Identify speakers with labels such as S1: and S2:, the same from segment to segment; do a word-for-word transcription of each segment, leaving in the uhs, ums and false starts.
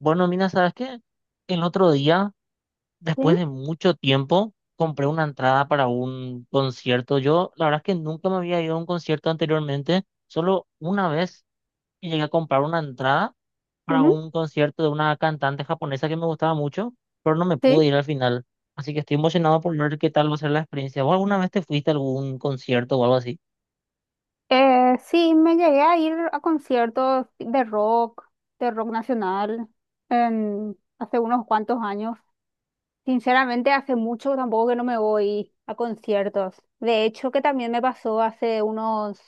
S1: Bueno, mira, ¿sabes qué? El otro día,
S2: Sí,
S1: después de mucho tiempo, compré una entrada para un concierto. Yo, la verdad es que nunca me había ido a un concierto anteriormente. Solo una vez que llegué a comprar una entrada para
S2: ujú,
S1: un concierto de una cantante japonesa que me gustaba mucho, pero no me pude
S2: sí.
S1: ir al final. Así que estoy emocionado por ver qué tal va a ser la experiencia. ¿Vos alguna vez te fuiste a algún concierto o algo así?
S2: Eh, sí, me llegué a ir a conciertos de rock, de rock nacional, en, hace unos cuantos años. Sinceramente, hace mucho tampoco que no me voy a conciertos. De hecho, que también me pasó hace unos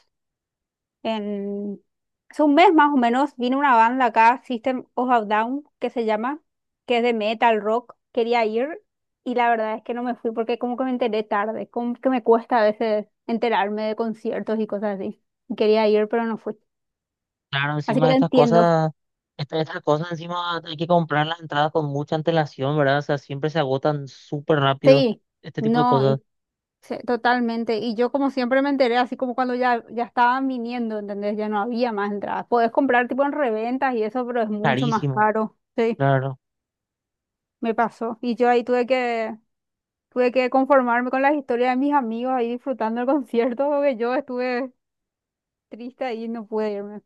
S2: En, hace un mes más o menos vino una banda acá, System of a Down, que se llama, que es de metal rock. Quería ir y la verdad es que no me fui porque como que me enteré tarde, como que me cuesta a veces enterarme de conciertos y cosas así. Y quería ir, pero no fui.
S1: Claro,
S2: Así
S1: encima
S2: que
S1: de
S2: te
S1: estas
S2: entiendo.
S1: cosas, esta- estas, cosas encima hay que comprar las entradas con mucha antelación, ¿verdad? O sea, siempre se agotan súper rápido
S2: Sí,
S1: este tipo de
S2: no,
S1: cosas,
S2: y- sí, totalmente. Y yo como siempre me enteré, así como cuando ya, ya estaban viniendo, ¿entendés? Ya no había más entradas. Podés comprar tipo en reventas y eso, pero es mucho más
S1: carísimo,
S2: caro. Sí.
S1: claro.
S2: Me pasó. Y yo ahí tuve que tuve que conformarme con las historias de mis amigos ahí disfrutando el concierto, porque yo estuve triste ahí y no pude irme.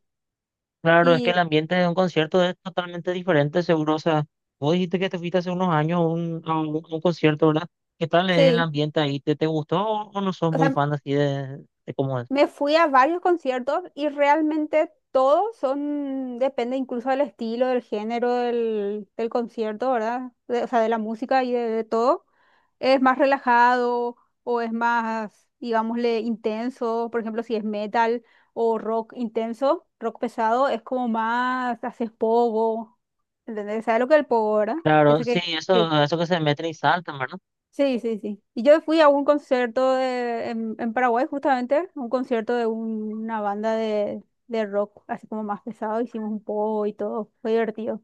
S1: Claro, es que
S2: Y
S1: el ambiente de un concierto es totalmente diferente, seguro. O sea, vos dijiste que te fuiste hace unos años a un, a un, a un concierto, ¿verdad? ¿Qué tal es el
S2: sí,
S1: ambiente ahí? ¿Te, te gustó o, o no sos
S2: o
S1: muy
S2: sea,
S1: fan así de, de cómo es?
S2: me fui a varios conciertos y realmente todos son, depende incluso del estilo, del género del, del concierto, ¿verdad? De- o sea, de la música y de, de todo. Es más relajado o es más, digámosle, intenso. Por ejemplo, si es metal o rock intenso, rock pesado, es como más, haces pogo. ¿Entendés? ¿Sabes lo que es el pogo, verdad?
S1: Claro,
S2: Ese que,
S1: sí,
S2: sí.
S1: eso, eso que se meten y saltan, ¿verdad?
S2: Sí, sí, sí. Y yo fui a un concierto de, en, en Paraguay justamente, un concierto de un- una banda de, de rock, así como más pesado, hicimos un poco y todo, fue divertido.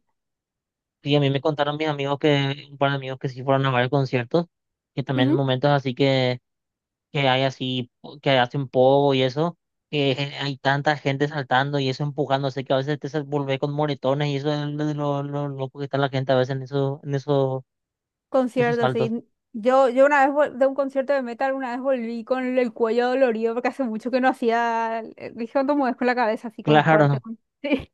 S1: Y a mí me contaron mis amigos que, un par de amigos que sí fueron a varios conciertos, que también en
S2: Ujú.
S1: momentos así que, que hay así, po- que hacen pogo y eso, que gen- hay tanta gente saltando y eso empujándose, que a veces te sal- volvés con moretones y eso es lo, lo, lo loco que está la gente a veces en eso, en eso, esos
S2: Concierto,
S1: saltos.
S2: sí. Yo, yo una vez vol- de un concierto de metal, una vez volví con el cuello dolorido porque hace mucho que no hacía, eh, dije, ¿cuánto mueves con la cabeza así como fuerte?
S1: Claro,
S2: con- Sí.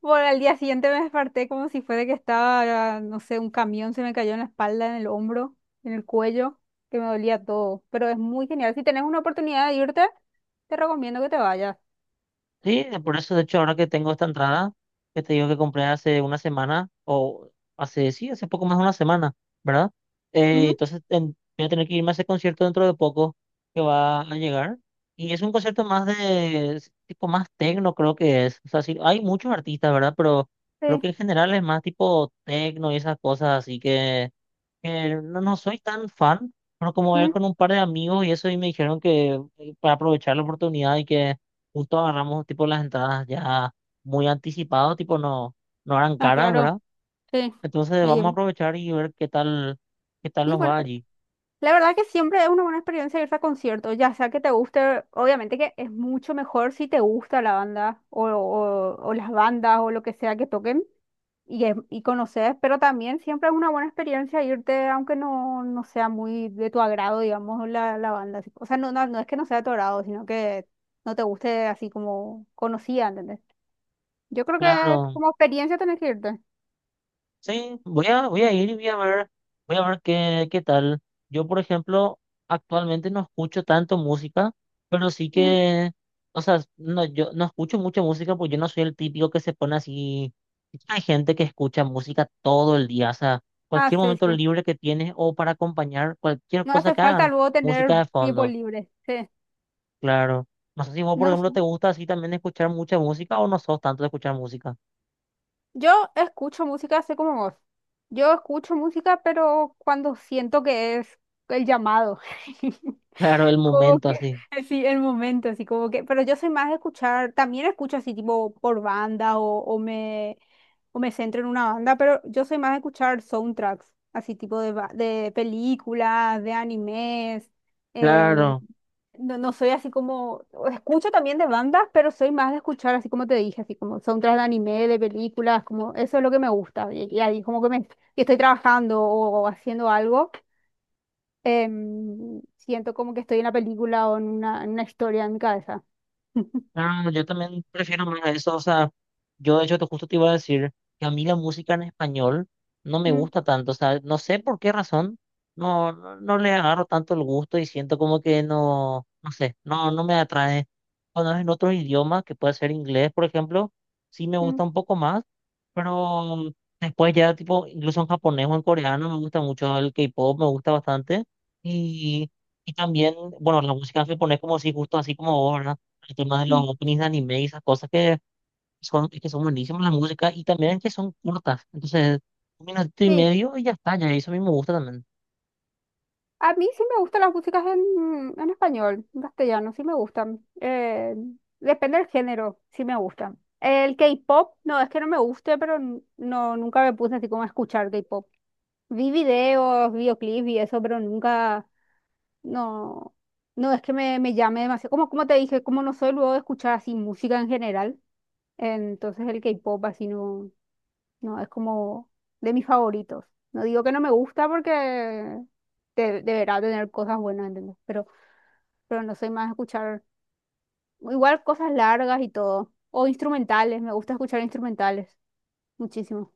S2: Por al día siguiente me desperté como si fuera que estaba, no sé, un camión se me cayó en la espalda, en el hombro, en el cuello, que me dolía todo. Pero es muy genial. Si tenés una oportunidad de irte, te recomiendo que te vayas.
S1: sí, de- por eso, de hecho, ahora que tengo esta entrada, que te digo que compré hace una semana, o hace, sí, hace poco más de una semana, ¿verdad? Eh,
S2: Ujú,
S1: entonces ten- voy a tener que irme a ese concierto dentro de poco, que va a llegar. Y es un concierto más de, es tipo más tecno, creo que es. O sea, sí, hay muchos artistas, ¿verdad? Pero creo
S2: sí.
S1: que en general es más tipo tecno y esas cosas, así que... Eh, no, no soy tan fan, pero como ver
S2: Mm,
S1: con un par de amigos y eso, y me dijeron que eh, para aprovechar la oportunidad y que justo agarramos tipo las entradas ya muy anticipadas, tipo no, no eran
S2: ah,
S1: caras,
S2: claro.
S1: ¿verdad?
S2: Sí.
S1: Entonces
S2: Y,
S1: vamos a aprovechar y ver qué tal, qué tal
S2: y
S1: nos
S2: bueno,
S1: va allí.
S2: la verdad que siempre es una buena experiencia irse a conciertos, ya sea que te guste, obviamente que es mucho mejor si te gusta la banda o, o o las bandas o lo que sea que toquen. Y, es- y conoces, pero también siempre es una buena experiencia irte, aunque no, no sea muy de tu agrado, digamos, la, la banda. Así. O sea, no, no, no es que no sea de tu agrado, sino que no te guste así como conocida, ¿entendés? Yo creo que
S1: Claro.
S2: como experiencia tenés que irte.
S1: Sí, voy a, voy a ir y voy a ver, voy a ver qué, qué tal. Yo, por ejemplo, actualmente no escucho tanto música, pero sí
S2: Ujú.
S1: que, o sea, no, yo no escucho mucha música porque yo no soy el típico que se pone así. Hay gente que escucha música todo el día, o sea,
S2: Ah,
S1: cualquier
S2: sí,
S1: momento
S2: sí.
S1: libre que tienes o para acompañar cualquier
S2: No
S1: cosa
S2: hace
S1: que
S2: falta
S1: hagan,
S2: luego tener
S1: música de
S2: tiempo
S1: fondo,
S2: libre. Sí.
S1: claro. No sé si vos, por
S2: No,
S1: ejemplo,
S2: sé.
S1: te gusta así también escuchar mucha música o no sos tanto de escuchar música.
S2: Yo escucho música así como vos. Yo escucho música, pero cuando siento que es el llamado.
S1: Claro, el
S2: Como
S1: momento
S2: que,
S1: así.
S2: sí, el momento, así como que, pero yo soy más de escuchar, también escucho así tipo por banda o, o me, o me centro en una banda, pero yo soy más de escuchar soundtracks, así tipo de, ba- de películas, de animes, en-
S1: Claro.
S2: no, no soy así como, o escucho también de bandas, pero soy más de escuchar así como te dije, así como soundtracks de anime, de películas, como eso es lo que me gusta, y, y ahí como que me, que estoy trabajando o haciendo algo em, siento como que estoy en la película o en una, en una historia en mi cabeza.
S1: Ah, yo también prefiero más eso, o sea, yo de hecho te- justo te iba a decir que a mí la música en español no me
S2: Mm,
S1: gusta tanto, o sea, no sé por qué razón, no, no, no le agarro tanto el gusto y siento como que no, no sé, no, no me atrae. Cuando es en otro idioma, que puede ser inglés, por ejemplo, sí me
S2: mm,
S1: gusta un poco más, pero después ya tipo, incluso en japonés o en coreano me gusta mucho el K-pop, me gusta bastante, y, y también, bueno, la música en japonés como si justo así como vos, ¿verdad? El tema de
S2: mm.
S1: los openings de anime y esas cosas que son, que son buenísimas la música y también que son cortas. Entonces, un minuto y
S2: Sí,
S1: medio y ya está, ya eso a mí me gusta también.
S2: a mí sí me gustan las músicas en, en español, en castellano, sí me gustan. Eh, depende del género, sí me gustan. El K-pop, no, es que no me guste, pero n- no, nunca me puse así como a escuchar K-pop. Vi videos, videoclips y eso, pero nunca, no, no es que me, me llame demasiado. Como, como te dije, como no soy luego de escuchar así música en general. Entonces el K-pop así no, no es como de mis favoritos. No digo que no me gusta porque de- deberá tener cosas buenas, ¿entendés? Pero, pero no soy más de escuchar igual cosas largas y todo. O instrumentales, me gusta escuchar instrumentales muchísimo.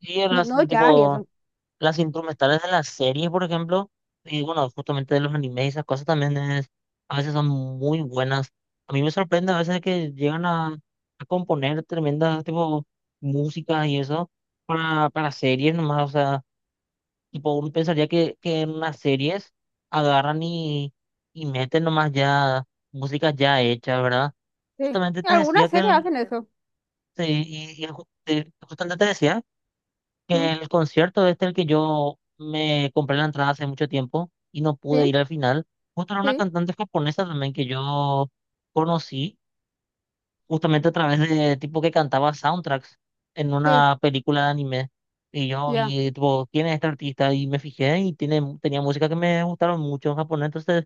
S1: Y
S2: No,
S1: las,
S2: no jazz y
S1: tipo,
S2: eso.
S1: las instrumentales de las series, por ejemplo, y bueno, justamente de los animes y esas cosas también es, a veces son muy buenas. A mí me sorprende a veces que llegan a, a componer tremendas, tipo, músicas y eso para, para series nomás, o sea. Tipo, uno pensaría que, que en las series agarran y, y meten nomás ya música ya hecha, ¿verdad?
S2: Sí.
S1: Justamente te
S2: Algunas
S1: decía que
S2: series
S1: el,
S2: hacen eso.
S1: sí, y- y ju- te- justamente te decía que
S2: Mm,
S1: el concierto este el que yo me compré la entrada hace mucho tiempo y no pude
S2: sí,
S1: ir al final, justo era una
S2: sí,
S1: cantante japonesa también que yo conocí justamente a través de tipo que cantaba soundtracks en
S2: sí,
S1: una película de anime. Y yo
S2: ya,
S1: vi, tipo, ¿quién es este artista? Y me fijé y tiene, tenía música que me gustaron mucho en japonés. Entonces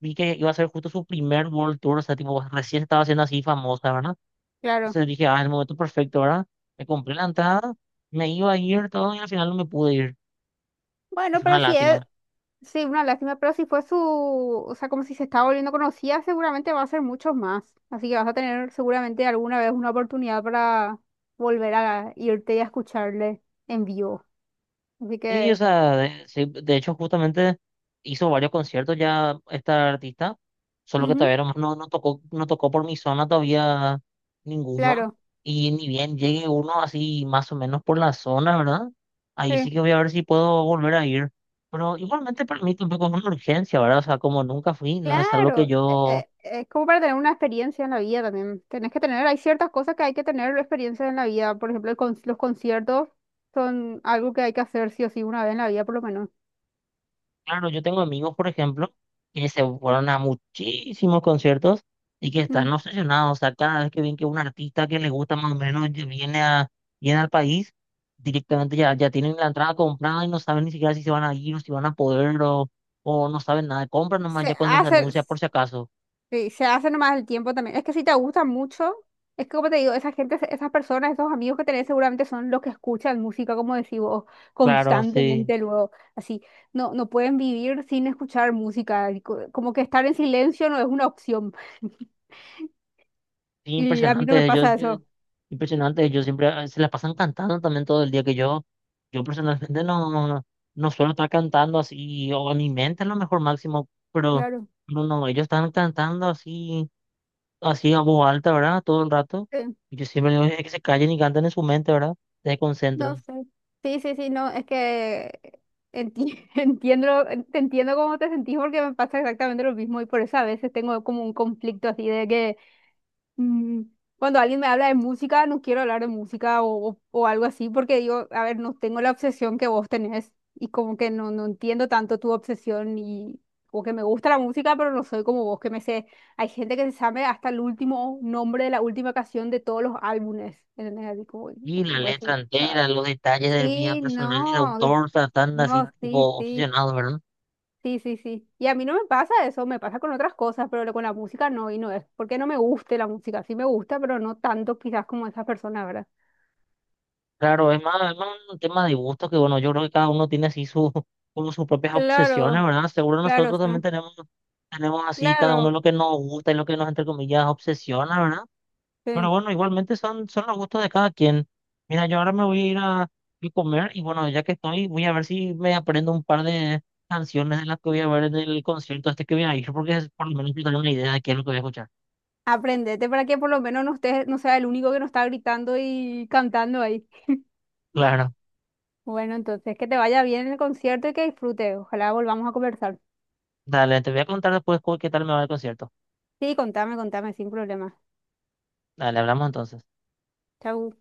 S1: vi que iba a ser justo su primer World Tour. O sea, tipo, recién estaba siendo así famosa, ¿verdad?
S2: claro.
S1: Entonces dije, ah, el momento perfecto, ¿verdad? Me compré la entrada, me iba a ir todo y al final no me pude ir. Es
S2: Bueno,
S1: una
S2: pero sí,
S1: lástima.
S2: sí, una lástima, pero si fue su, o sea, como si se estaba volviendo conocida, seguramente va a ser muchos más. Así que vas a tener seguramente alguna vez una oportunidad para volver a irte y a escucharle en vivo. Así
S1: Sí, o
S2: que,
S1: sea, de, sí, de hecho justamente hizo varios conciertos ya esta artista, solo que
S2: ujú,
S1: todavía no, no no tocó, no tocó por mi zona todavía ninguno,
S2: claro,
S1: y ni bien llegue uno así más o menos por la zona, ¿verdad? Ahí sí
S2: sí,
S1: que voy a ver si puedo volver a ir, pero igualmente para mí tampoco es una urgencia, ¿verdad? O sea, como nunca fui, no es algo que
S2: claro. eh,
S1: yo...
S2: eh, Es como para tener una experiencia en la vida también. Tenés que tener, hay ciertas cosas que hay que tener experiencia en la vida. Por ejemplo, el con- los conciertos son algo que hay que hacer sí o sí una vez en la vida, por lo menos.
S1: Claro, yo tengo amigos, por ejemplo, que se fueron a muchísimos conciertos y que
S2: Mm.
S1: están obsesionados. O sea, cada vez que ven que un artista que les gusta más o menos ya viene a, viene al país, directamente ya, ya tienen la entrada comprada y no saben ni siquiera si se van a ir o si van a poder o, o no saben nada. Compran nomás
S2: Se
S1: ya cuando se
S2: hace.
S1: anuncia por si acaso.
S2: Sí, se hace nomás el tiempo también. Es que si te gusta mucho, es que como te digo, esa gente, esas personas, esos amigos que tenés seguramente son los que escuchan música, como decís vos,
S1: Claro, sí.
S2: constantemente luego. Así, no, no pueden vivir sin escuchar música. Y co- como que estar en silencio no es una opción.
S1: Sí,
S2: Y a mí no me
S1: impresionante. Yo,
S2: pasa
S1: yo,
S2: eso.
S1: impresionante. Ellos siempre eh, se la pasan cantando también todo el día que yo. Yo personalmente no, no suelo estar cantando así, o en mi mente a lo mejor máximo, pero
S2: Claro.
S1: no, no, ellos están cantando así, así a voz alta, ¿verdad? Todo el rato.
S2: Sí,
S1: Y yo siempre digo "Eh, que se callen y canten en su mente, ¿verdad? Se
S2: no
S1: concentran.
S2: sé. Sí, sí, sí, no, es que enti- entiendo, te entiendo cómo te sentís porque me pasa exactamente lo mismo y por eso a veces tengo como un conflicto así de que Mm, cuando alguien me habla de música, no quiero hablar de música o, o- o algo así, porque digo, a ver, no tengo la obsesión que vos tenés y como que no, no entiendo tanto tu obsesión y como que me gusta la música, pero no soy como vos que me sé. Hay gente que se sabe hasta el último nombre de la última canción de todos los álbumes. ¿Entendés? Así como, y-
S1: Y
S2: y
S1: la
S2: vos
S1: letra
S2: decís, "Cha-
S1: entera, los detalles del vida
S2: sí,
S1: personal y de
S2: no,
S1: autor, o sea, están así,
S2: no, sí,
S1: tipo,
S2: sí.
S1: obsesionados, ¿verdad?
S2: Sí, sí, sí. Y a mí no me pasa eso, me pasa con otras cosas, pero lo- con la música no, y no es porque no me guste la música, sí me gusta, pero no tanto quizás como esas personas, ¿verdad?
S1: Claro, es más, es más un tema de gusto que, bueno, yo creo que cada uno tiene así su, como sus propias obsesiones,
S2: Claro,
S1: ¿verdad? Seguro
S2: claro,
S1: nosotros también
S2: sí,
S1: tenemos, tenemos así cada uno
S2: claro,
S1: lo que nos gusta y lo que nos, entre comillas, obsesiona, ¿verdad? Pero
S2: sí.
S1: bueno, igualmente son, son los gustos de cada quien. Mira, yo ahora me voy a ir a, a comer y bueno, ya que estoy, voy a ver si me aprendo un par de canciones de las que voy a ver en el concierto este que voy a ir, porque es por lo menos tengo una idea de qué es lo que voy a escuchar.
S2: Aprendete para que por lo menos no estés, no sea el único que no está gritando y cantando ahí.
S1: Claro,
S2: Bueno, entonces que te vaya bien en el concierto y que disfrutes. Ojalá volvamos a conversar.
S1: dale, te voy a contar después cu- qué tal me va el concierto.
S2: Sí, contame, contame, sin problema.
S1: Dale, hablamos entonces.
S2: Chau.